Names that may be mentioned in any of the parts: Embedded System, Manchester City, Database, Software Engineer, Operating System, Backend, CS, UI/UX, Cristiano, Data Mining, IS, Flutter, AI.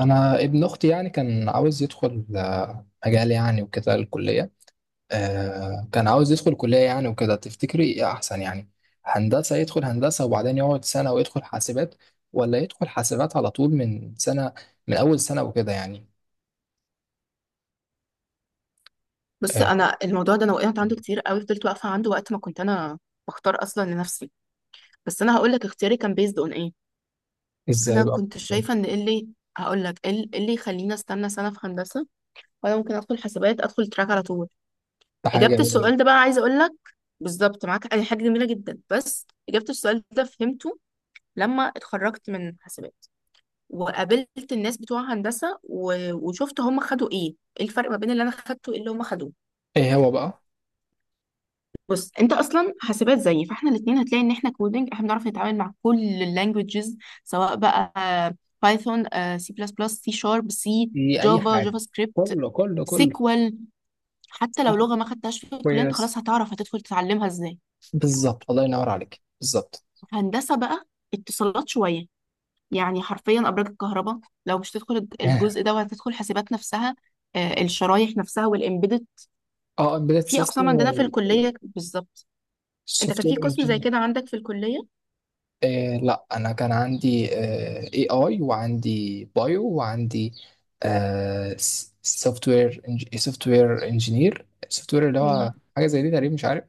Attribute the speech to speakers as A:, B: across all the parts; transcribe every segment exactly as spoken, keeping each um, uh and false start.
A: انا ابن اختي يعني كان عاوز يدخل آه، مجال يعني وكده الكليه. آه، كان عاوز يدخل كليه يعني وكده، تفتكري ايه احسن يعني؟ هندسه، يدخل هندسه وبعدين يقعد سنه ويدخل حاسبات، ولا يدخل حاسبات على طول من سنه، من اول سنه وكده يعني.
B: بص،
A: آه،
B: انا الموضوع ده انا وقعت عنده كتير قوي، فضلت واقفه عنده وقت ما كنت انا بختار اصلا لنفسي. بس انا هقول لك اختياري كان بيزد اون ايه.
A: ازاي
B: انا
A: بقى؟
B: كنت شايفه ان إيه اللي هقول لك إيه اللي إيه اللي يخليني استنى سنه في هندسه، وانا ممكن ادخل حسابات، ادخل تراك على طول.
A: ده حاجه
B: اجابه
A: جميله جدا.
B: السؤال ده بقى عايزه اقول لك بالظبط، معاك، أي حاجه جميله جدا. بس اجابه السؤال ده فهمته لما اتخرجت من حسابات وقابلت الناس بتوع هندسه و... وشفت هم خدوا ايه ايه الفرق ما بين اللي انا خدته وايه اللي هم خدوه.
A: ايه هو بقى؟
B: بص، انت اصلا حاسبات زيي، فاحنا الاثنين هتلاقي ان احنا كودنج، احنا بنعرف نتعامل مع كل اللانجوجز. سواء بقى بايثون، سي بلس بلس، سي شارب، سي،
A: في اي
B: جافا،
A: حاجه.
B: جافا سكريبت،
A: كله كله كله.
B: سيكوال. حتى لو
A: صح.
B: لغه ما خدتهاش في الكليه، انت
A: كويس.
B: خلاص هتعرف هتدخل تتعلمها ازاي.
A: بالظبط، الله ينور عليك، بالظبط.
B: هندسه بقى اتصالات شويه، يعني حرفيا ابراج الكهرباء لو مش تدخل الج- الجزء ده، وهتدخل حاسبات نفسها. آه، الشرايح نفسها والامبيدد.
A: اه، امبيدد
B: في
A: سيستم
B: اقسام عندنا في
A: والسوفت
B: الكليه بالظبط. انت كان في قسم زي
A: وير.
B: كده عندك في الكليه؟
A: إيه، لا انا كان عندي اي اي، وعندي بايو، وعندي سوفت وير. سوفت وير انجينير، سوفت وير اللي هو
B: مم.
A: حاجه زي دي تقريبا، مش عارف.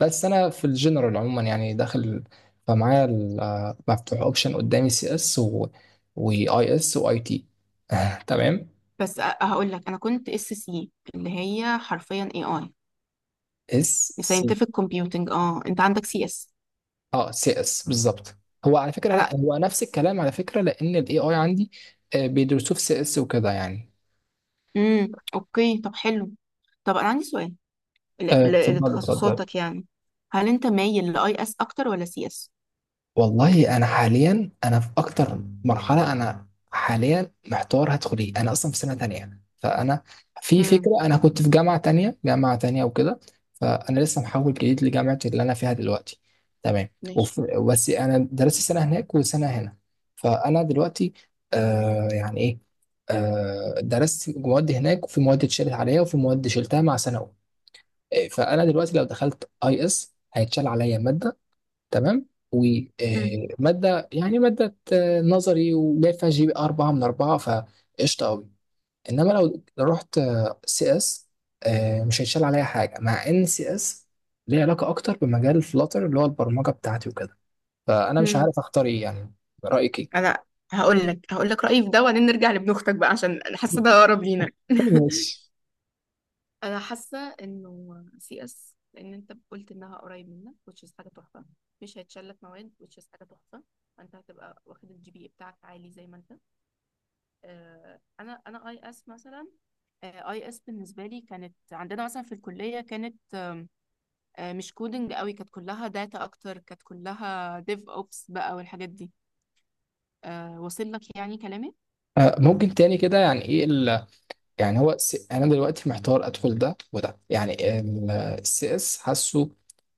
A: بس انا في الجنرال عموما يعني داخل. فمعايا ال- آه، مفتوح اوبشن قدامي سي اس، واي اس، واي تي. تمام.
B: بس هقول لك، انا كنت اس سي اللي هي حرفيا اي اي،
A: اس سي،
B: ساينتفك كومبيوتنج. اه انت عندك سي اس.
A: اه، سي اس بالظبط. هو على فكره،
B: انا
A: لا، هو نفس الكلام على فكره، لان الاي اي عندي آه، بيدرسوه في سي اس وكده يعني.
B: امم اوكي. طب حلو. طب انا عندي سؤال ل-
A: آه،
B: ل-
A: اتفضل اتفضل.
B: لتخصصاتك يعني. هل انت مايل لاي اس اكتر ولا سي اس؟
A: والله انا حاليا، انا في اكتر مرحله، انا حاليا محتار هدخل ايه. انا اصلا في سنه تانية يعني. فانا في
B: امم
A: فكره، انا كنت في جامعه تانية، جامعه تانية وكده. فانا لسه محول جديد لجامعه اللي انا فيها دلوقتي. تمام.
B: ماشي.
A: وف... بس انا درست سنه هناك وسنه هنا. فانا دلوقتي، آه، يعني ايه، آه، درست مواد هناك، وفي مواد اتشالت عليا، وفي مواد شلتها مع سنه أولى. آه، فانا دلوقتي لو دخلت اي اس هيتشال عليا ماده، تمام،
B: امم
A: ومادة، يعني مادة آه، نظري، وجايب فيها جي بي أربعة من أربعة، فقشطة أوي. إنما لو رحت آه، سي إس، آه، مش هيتشال عليا حاجة، مع إن سي إس ليه علاقة أكتر بمجال فلاتر اللي هو البرمجة بتاعتي وكده. فأنا مش
B: امم
A: عارف أختار إيه يعني. رأيك إيه؟
B: انا هقول لك هقول لك رايي في ده، وبعدين نرجع لابن اختك بقى عشان حاسه ده اقرب لينا.
A: ماشي.
B: انا حاسه انه سي اس، لان انت قلت انها قريب منك، which is حاجه تحفه. مش هيتشال لك مواد، which is حاجه تحفه. فانت هتبقى واخد الجي بي بتاعك عالي زي ما انت. آه انا انا اي اس مثلا. اي اس بالنسبه لي كانت عندنا مثلا في الكليه كانت آه مش كودنج قوي، كانت كلها داتا اكتر، كانت كلها ديف اوبس بقى والحاجات دي. آه واصل لك يعني كلامي؟
A: آه، ممكن تاني كده، يعني إيه؟ يعني هو س... انا دلوقتي محتار ادخل ده وده يعني. السي اس حاسه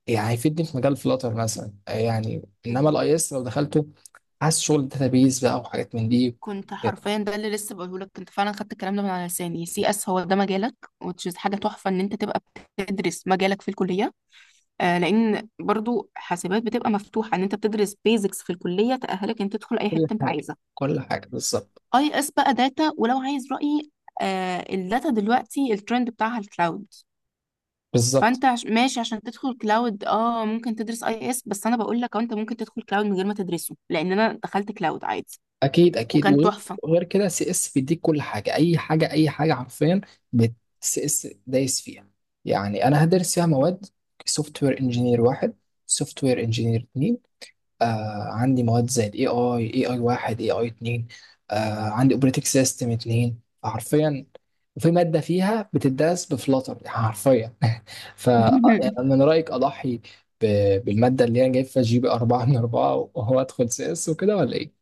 A: يعني هيفيدني في مجال فلاتر مثلا يعني، انما الاي اس لو دخلته حاسس شغل داتابيز بقى وحاجات من دي.
B: كنت
A: كده.
B: حرفيا ده اللي لسه بقوله لك، كنت فعلا خدت الكلام ده من على لساني. سي اس هو ده مجالك، which is حاجه تحفه ان انت تبقى بتدرس مجالك في الكليه. آه لان برضو حاسبات بتبقى مفتوحه، ان انت بتدرس بيزكس في الكليه تاهلك ان انت تدخل اي
A: كل
B: حته انت
A: حاجه،
B: عايزها.
A: كل حاجه بالظبط،
B: اي اس بقى داتا، ولو عايز رايي، آه الداتا دلوقتي الترند بتاعها الكلاود.
A: بالظبط.
B: فانت عش- ماشي، عشان تدخل كلاود اه ممكن تدرس اي اس، بس انا بقول لك انت ممكن تدخل كلاود من غير ما تدرسه لان انا دخلت كلاود عادي
A: اكيد اكيد،
B: وكان
A: وغير،
B: تحفه.
A: وغير كده سي اس بيديك كل حاجه، اي حاجه، اي حاجه حرفيا. سي اس دايس فيها. يعني انا هدرس فيها مواد: سوفت وير انجينير واحد، سوفت وير انجينير اتنين، آه، عندي مواد زي الاي اي، اي اي واحد، اي اي اتنين، آه، عندي اوبريتنج سيستم اتنين، فحرفيا. وفي مادة فيها بتدرس بفلاتر، يعني حرفيا. فمن رأيك أضحي ب- بالمادة اللي أنا جايب فيها جي بي أربعة من أربعة، وهو أدخل سي إس وكده، ولا إيه؟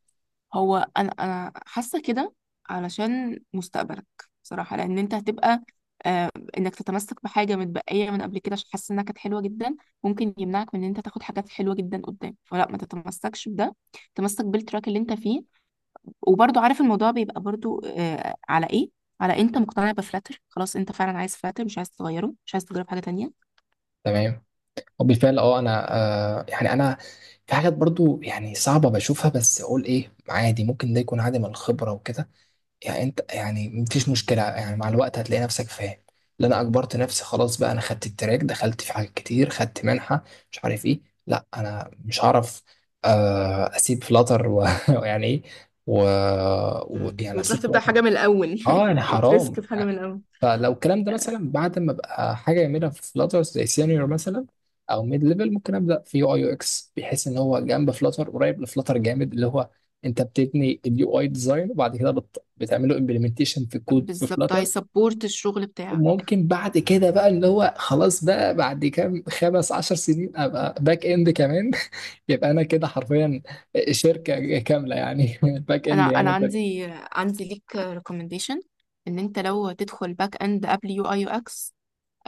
B: هو انا انا حاسه كده علشان مستقبلك، بصراحه، لان انت هتبقى. آه انك تتمسك بحاجه متبقيه من قبل كده عشان حاسس انها كانت حلوه جدا ممكن يمنعك من ان انت تاخد حاجات حلوه جدا قدام، فلا ما تتمسكش بده، تمسك بالتراك اللي انت فيه. وبرضو عارف الموضوع بيبقى برضو آه على ايه؟ على انت مقتنع بفلاتر خلاص، انت فعلا عايز فلاتر، مش عايز تغيره، مش عايز تجرب حاجه تانية،
A: تمام. وبالفعل، أه، أنا، آه، يعني أنا، في حاجات برضو يعني صعبة بشوفها، بس أقول إيه، عادي، ممكن ده يكون عادي من الخبرة وكده يعني. انت يعني مفيش مشكلة، يعني مع الوقت هتلاقي نفسك فاهم. لا، انا اجبرت نفسي خلاص بقى، انا خدت التراك، دخلت في حاجات كتير، خدت منحة، مش عارف ايه. لا انا مش هعرف آه، اسيب فلاتر و- ويعني ايه؟ و... و... مم. يعني
B: وتروح
A: اسيب
B: تبدأ
A: فلاتر؟
B: حاجة من الأول.
A: اه يعني حرام.
B: وتريسك في حاجة
A: يعني
B: من الأول.
A: فلو الكلام ده مثلا بعد ما ابقى حاجه يعملها في فلاتر زي سينيور مثلا، او ميد ليفل، ممكن ابدا في يو اي يو اكس، بحيث ان هو جنب فلاتر، قريب لفلاتر جامد، اللي هو انت بتبني اليو اي ديزاين، وبعد كده بت... بتعمله امبلمنتيشن في الكود في
B: بالظبط
A: فلاتر.
B: هيسبورت الشغل بتاعك.
A: وممكن بعد كده بقى اللي هو خلاص بقى، بعد كام خمس عشر سنين، ابقى باك اند كمان. يبقى انا كده حرفيا شركه كامله يعني. باك
B: انا
A: اند
B: انا
A: يعني.
B: عندي عندي ليك ريكومنديشن، ان انت لو تدخل باك اند قبل يو اي يو اكس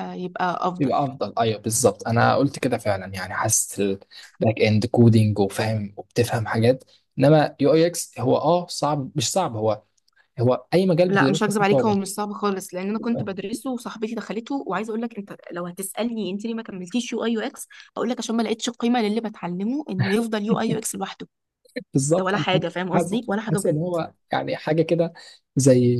B: يبقى افضل.
A: يبقى افضل، ايوه بالظبط، انا قلت كده فعلا يعني. حاسس الباك اند كودينج وفاهم وبتفهم حاجات. انما يو اي اكس هو، اه، صعب، مش صعب، هو، هو اي مجال
B: لا، مش
A: بتدرسه
B: هكذب
A: فيه
B: عليك، هو
A: صعوبه.
B: مش صعب خالص لان انا كنت بدرسه وصاحبتي دخلته. وعايزه اقول لك، انت لو هتسالني انت ليه ما كملتيش يو اي يو اكس، اقول لك عشان ما لقيتش قيمه للي بتعلمه انه يفضل يو اي يو اكس لوحده، ده
A: بالظبط.
B: ولا
A: انا
B: حاجه. فاهم
A: حاسس،
B: قصدي؟
A: حاسس
B: ولا حاجه
A: حاسس ان
B: بجد.
A: هو يعني حاجه كده، زي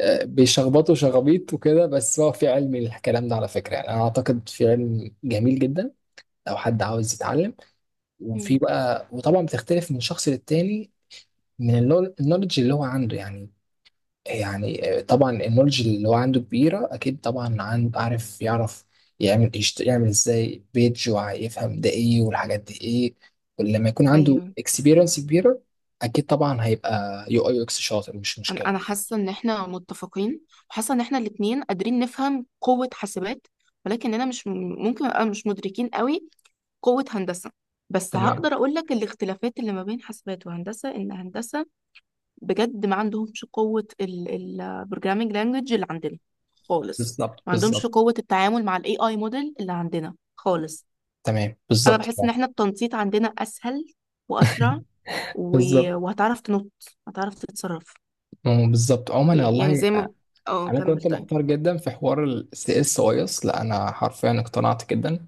A: آه، بيشخبطوا شخابيط وكده، بس هو في علم، الكلام ده على فكره يعني، انا اعتقد في علم جميل جدا لو حد عاوز يتعلم. وفي
B: مم.
A: بقى، وطبعا بتختلف من شخص للتاني، من النول- النولج اللي هو عنده يعني. يعني آه، طبعا النولج اللي هو عنده كبيرة، أكيد طبعا، عند عارف يعرف يعمل يشت- يعمل إزاي بيج، ويفهم ده إيه والحاجات دي إيه. ولما يكون عنده
B: ايوه،
A: اكسبيرينس كبيرة، أكيد طبعا هيبقى يو أي يو إكس شاطر، مش
B: انا
A: مشكلة.
B: انا حاسه ان احنا متفقين، وحاسه ان احنا الاثنين قادرين نفهم قوه حاسبات، ولكننا مش م- ممكن نبقى مش مدركين قوي قوة هندسة. بس
A: تمام،
B: هقدر أقول لك الاختلافات اللي ما بين حاسبات وهندسة، إن هندسة بجد ما عندهمش قوة البروجرامينج لانجوج اللي عندنا خالص.
A: بالظبط
B: ما عندهمش
A: بالظبط.
B: قوة التعامل مع الاي اي موديل اللي عندنا خالص.
A: تمام
B: أنا
A: بالظبط
B: بحس إن احنا التنطيط عندنا أسهل وأسرع، و...
A: بالظبط.
B: وهتعرف تنط، هتعرف تتصرف.
A: مم، بالظبط. عموما
B: ي- يعني
A: والله،
B: زي ما.
A: آه،
B: اه
A: انا
B: كمل
A: كنت
B: طيب.
A: محتار جدا في حوار السي اس وايس. لا انا حرفيا اقتنعت جدا.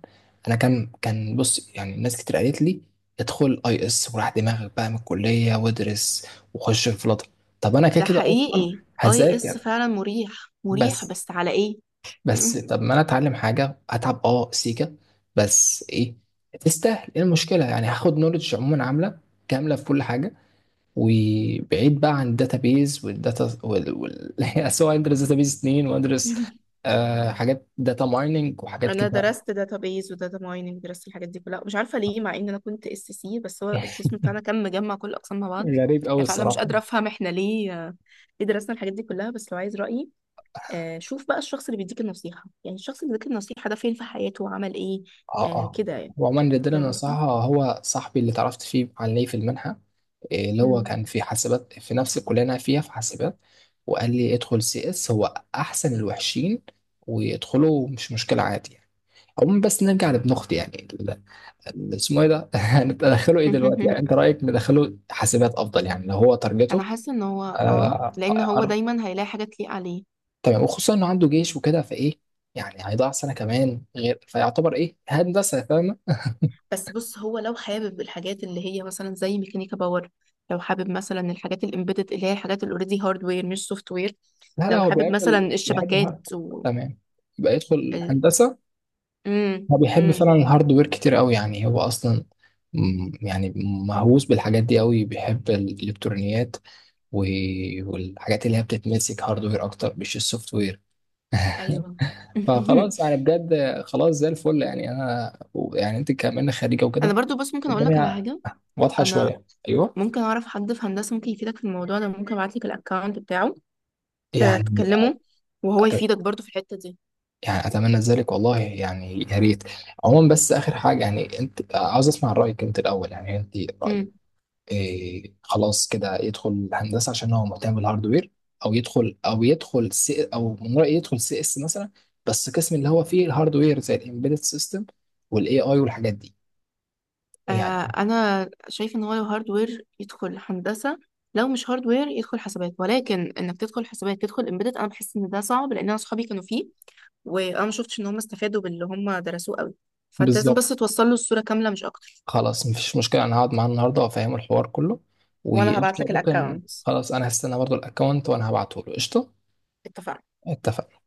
A: انا كان كان بص، يعني ناس كتير قالت لي ادخل اي اس وراح دماغك بقى من الكليه، وادرس وخش في فلاتر. طب انا كده
B: ده
A: كده اصلا
B: حقيقي، اي اس
A: هذاكر.
B: فعلا مريح. مريح
A: بس
B: بس على ايه؟
A: بس طب ما انا اتعلم حاجه هتعب اه سيكه، بس ايه تستاهل. ايه المشكله يعني؟ هاخد نولج عموما عامله كامله في كل حاجه. وبعيد بقى عن الداتابيز والداتا وال... وال... يعني سواء ادرس داتابيز اتنين، وادرس آه حاجات داتا مايننج وحاجات
B: انا
A: كده.
B: درست داتابيز وداتا مايننج، درست الحاجات دي كلها، مش عارفه ليه مع ان انا كنت اس سي، بس هو القسم بتاعنا كان مجمع كل الاقسام مع بعض.
A: غريب قوي
B: يعني فعلا مش
A: الصراحه.
B: قادره افهم احنا ليه، آه، ليه درسنا الحاجات دي كلها. بس لو عايز رايي، آه، شوف بقى الشخص اللي بيديك النصيحه، يعني الشخص اللي بيديك النصيحه ده فين في حياته، عمل ايه؟
A: اه
B: آه،
A: اه.
B: كده يعني.
A: وعموما اللي اداني
B: فاهم قصدي؟
A: نصيحه هو صاحبي اللي اتعرفت فيه عليه في المنحه. إيه، اللي هو
B: مم.
A: كان في حاسبات، في نفس الكليه اللي انا فيها في حاسبات. وقال لي ادخل سي اس هو احسن الوحشين، ويدخلوا مش مشكله عادي يعني. عموما، بس نرجع لابن اختي يعني، اسمه ايه ده؟ ندخله ايه دلوقتي يعني؟ انت رايك ندخله حاسبات افضل يعني، لو هو
B: انا
A: تارجته؟
B: حاسه ان هو، اه
A: آه
B: لان هو
A: أر-
B: دايما هيلاقي حاجه تليق عليه.
A: تمام. وخصوصا انه عنده جيش وكده، فايه يعني؟ هيضيع سنه كمان، غير فيعتبر ايه هندسه، فاهمه.
B: بس بص، هو لو حابب الحاجات اللي هي مثلا زي ميكانيكا باور، لو حابب مثلا الحاجات الامبيدد اللي هي الحاجات الاوريدي هاردوير مش سوفت وير،
A: لا لا،
B: لو
A: هو
B: حابب
A: بيحب
B: مثلا
A: ال... بيحب
B: الشبكات
A: الهارد.
B: و
A: تمام، يبقى يدخل
B: ال...
A: هندسه.
B: امم
A: هو بيحب فعلا
B: امم
A: الهاردوير كتير قوي يعني، هو اصلا م- يعني مهووس بالحاجات دي قوي، بيحب الالكترونيات و- والحاجات اللي هي بتتمسك هاردوير اكتر، مش السوفت وير.
B: ايوه.
A: فخلاص يعني، بجد خلاص زي الفل، يعني انا، يعني انت كمان خريجه
B: انا
A: وكده،
B: برضو، بس ممكن اقول لك على
A: الدنيا
B: حاجه،
A: واضحه
B: انا
A: شويه، ايوه.
B: ممكن اعرف حد في هندسه ممكن يفيدك في الموضوع ده، ممكن ابعت لك الاكونت بتاعه. آه،
A: يعني
B: تكلمه وهو
A: أت-
B: يفيدك برضو في الحته دي.
A: يعني اتمنى ذلك والله يعني، يا ريت. عموما بس اخر حاجه، يعني انت عاوز اسمع رايك انت الاول، يعني انت رايك
B: مم.
A: إيه؟ خلاص كده يدخل هندسه عشان هو مهتم بالهاردوير، او يدخل، او يدخل سي، او من رايي يدخل سي اس مثلا، بس قسم اللي هو فيه الهاردوير زي الامبيدد سيستم والاي اي والحاجات دي يعني.
B: آه، انا شايف ان هو لو هاردوير يدخل هندسه، لو مش هاردوير يدخل حسابات. ولكن انك تدخل حسابات تدخل امبيدد انا بحس ان ده صعب لان انا اصحابي كانوا فيه، وانا ما شفتش ان هم استفادوا باللي هم درسوه قوي. فانت لازم
A: بالظبط.
B: بس توصل له الصوره كامله، مش اكتر.
A: خلاص مفيش مشكلة، أنا هقعد معاه النهاردة وأفهمه الحوار كله. مم.
B: وانا هبعت
A: وقشطة،
B: لك
A: ممكن
B: الاكونت.
A: خلاص، أنا هستنى برضو الأكونت وأنا هبعته له، قشطة.
B: اتفقنا؟
A: اتفق.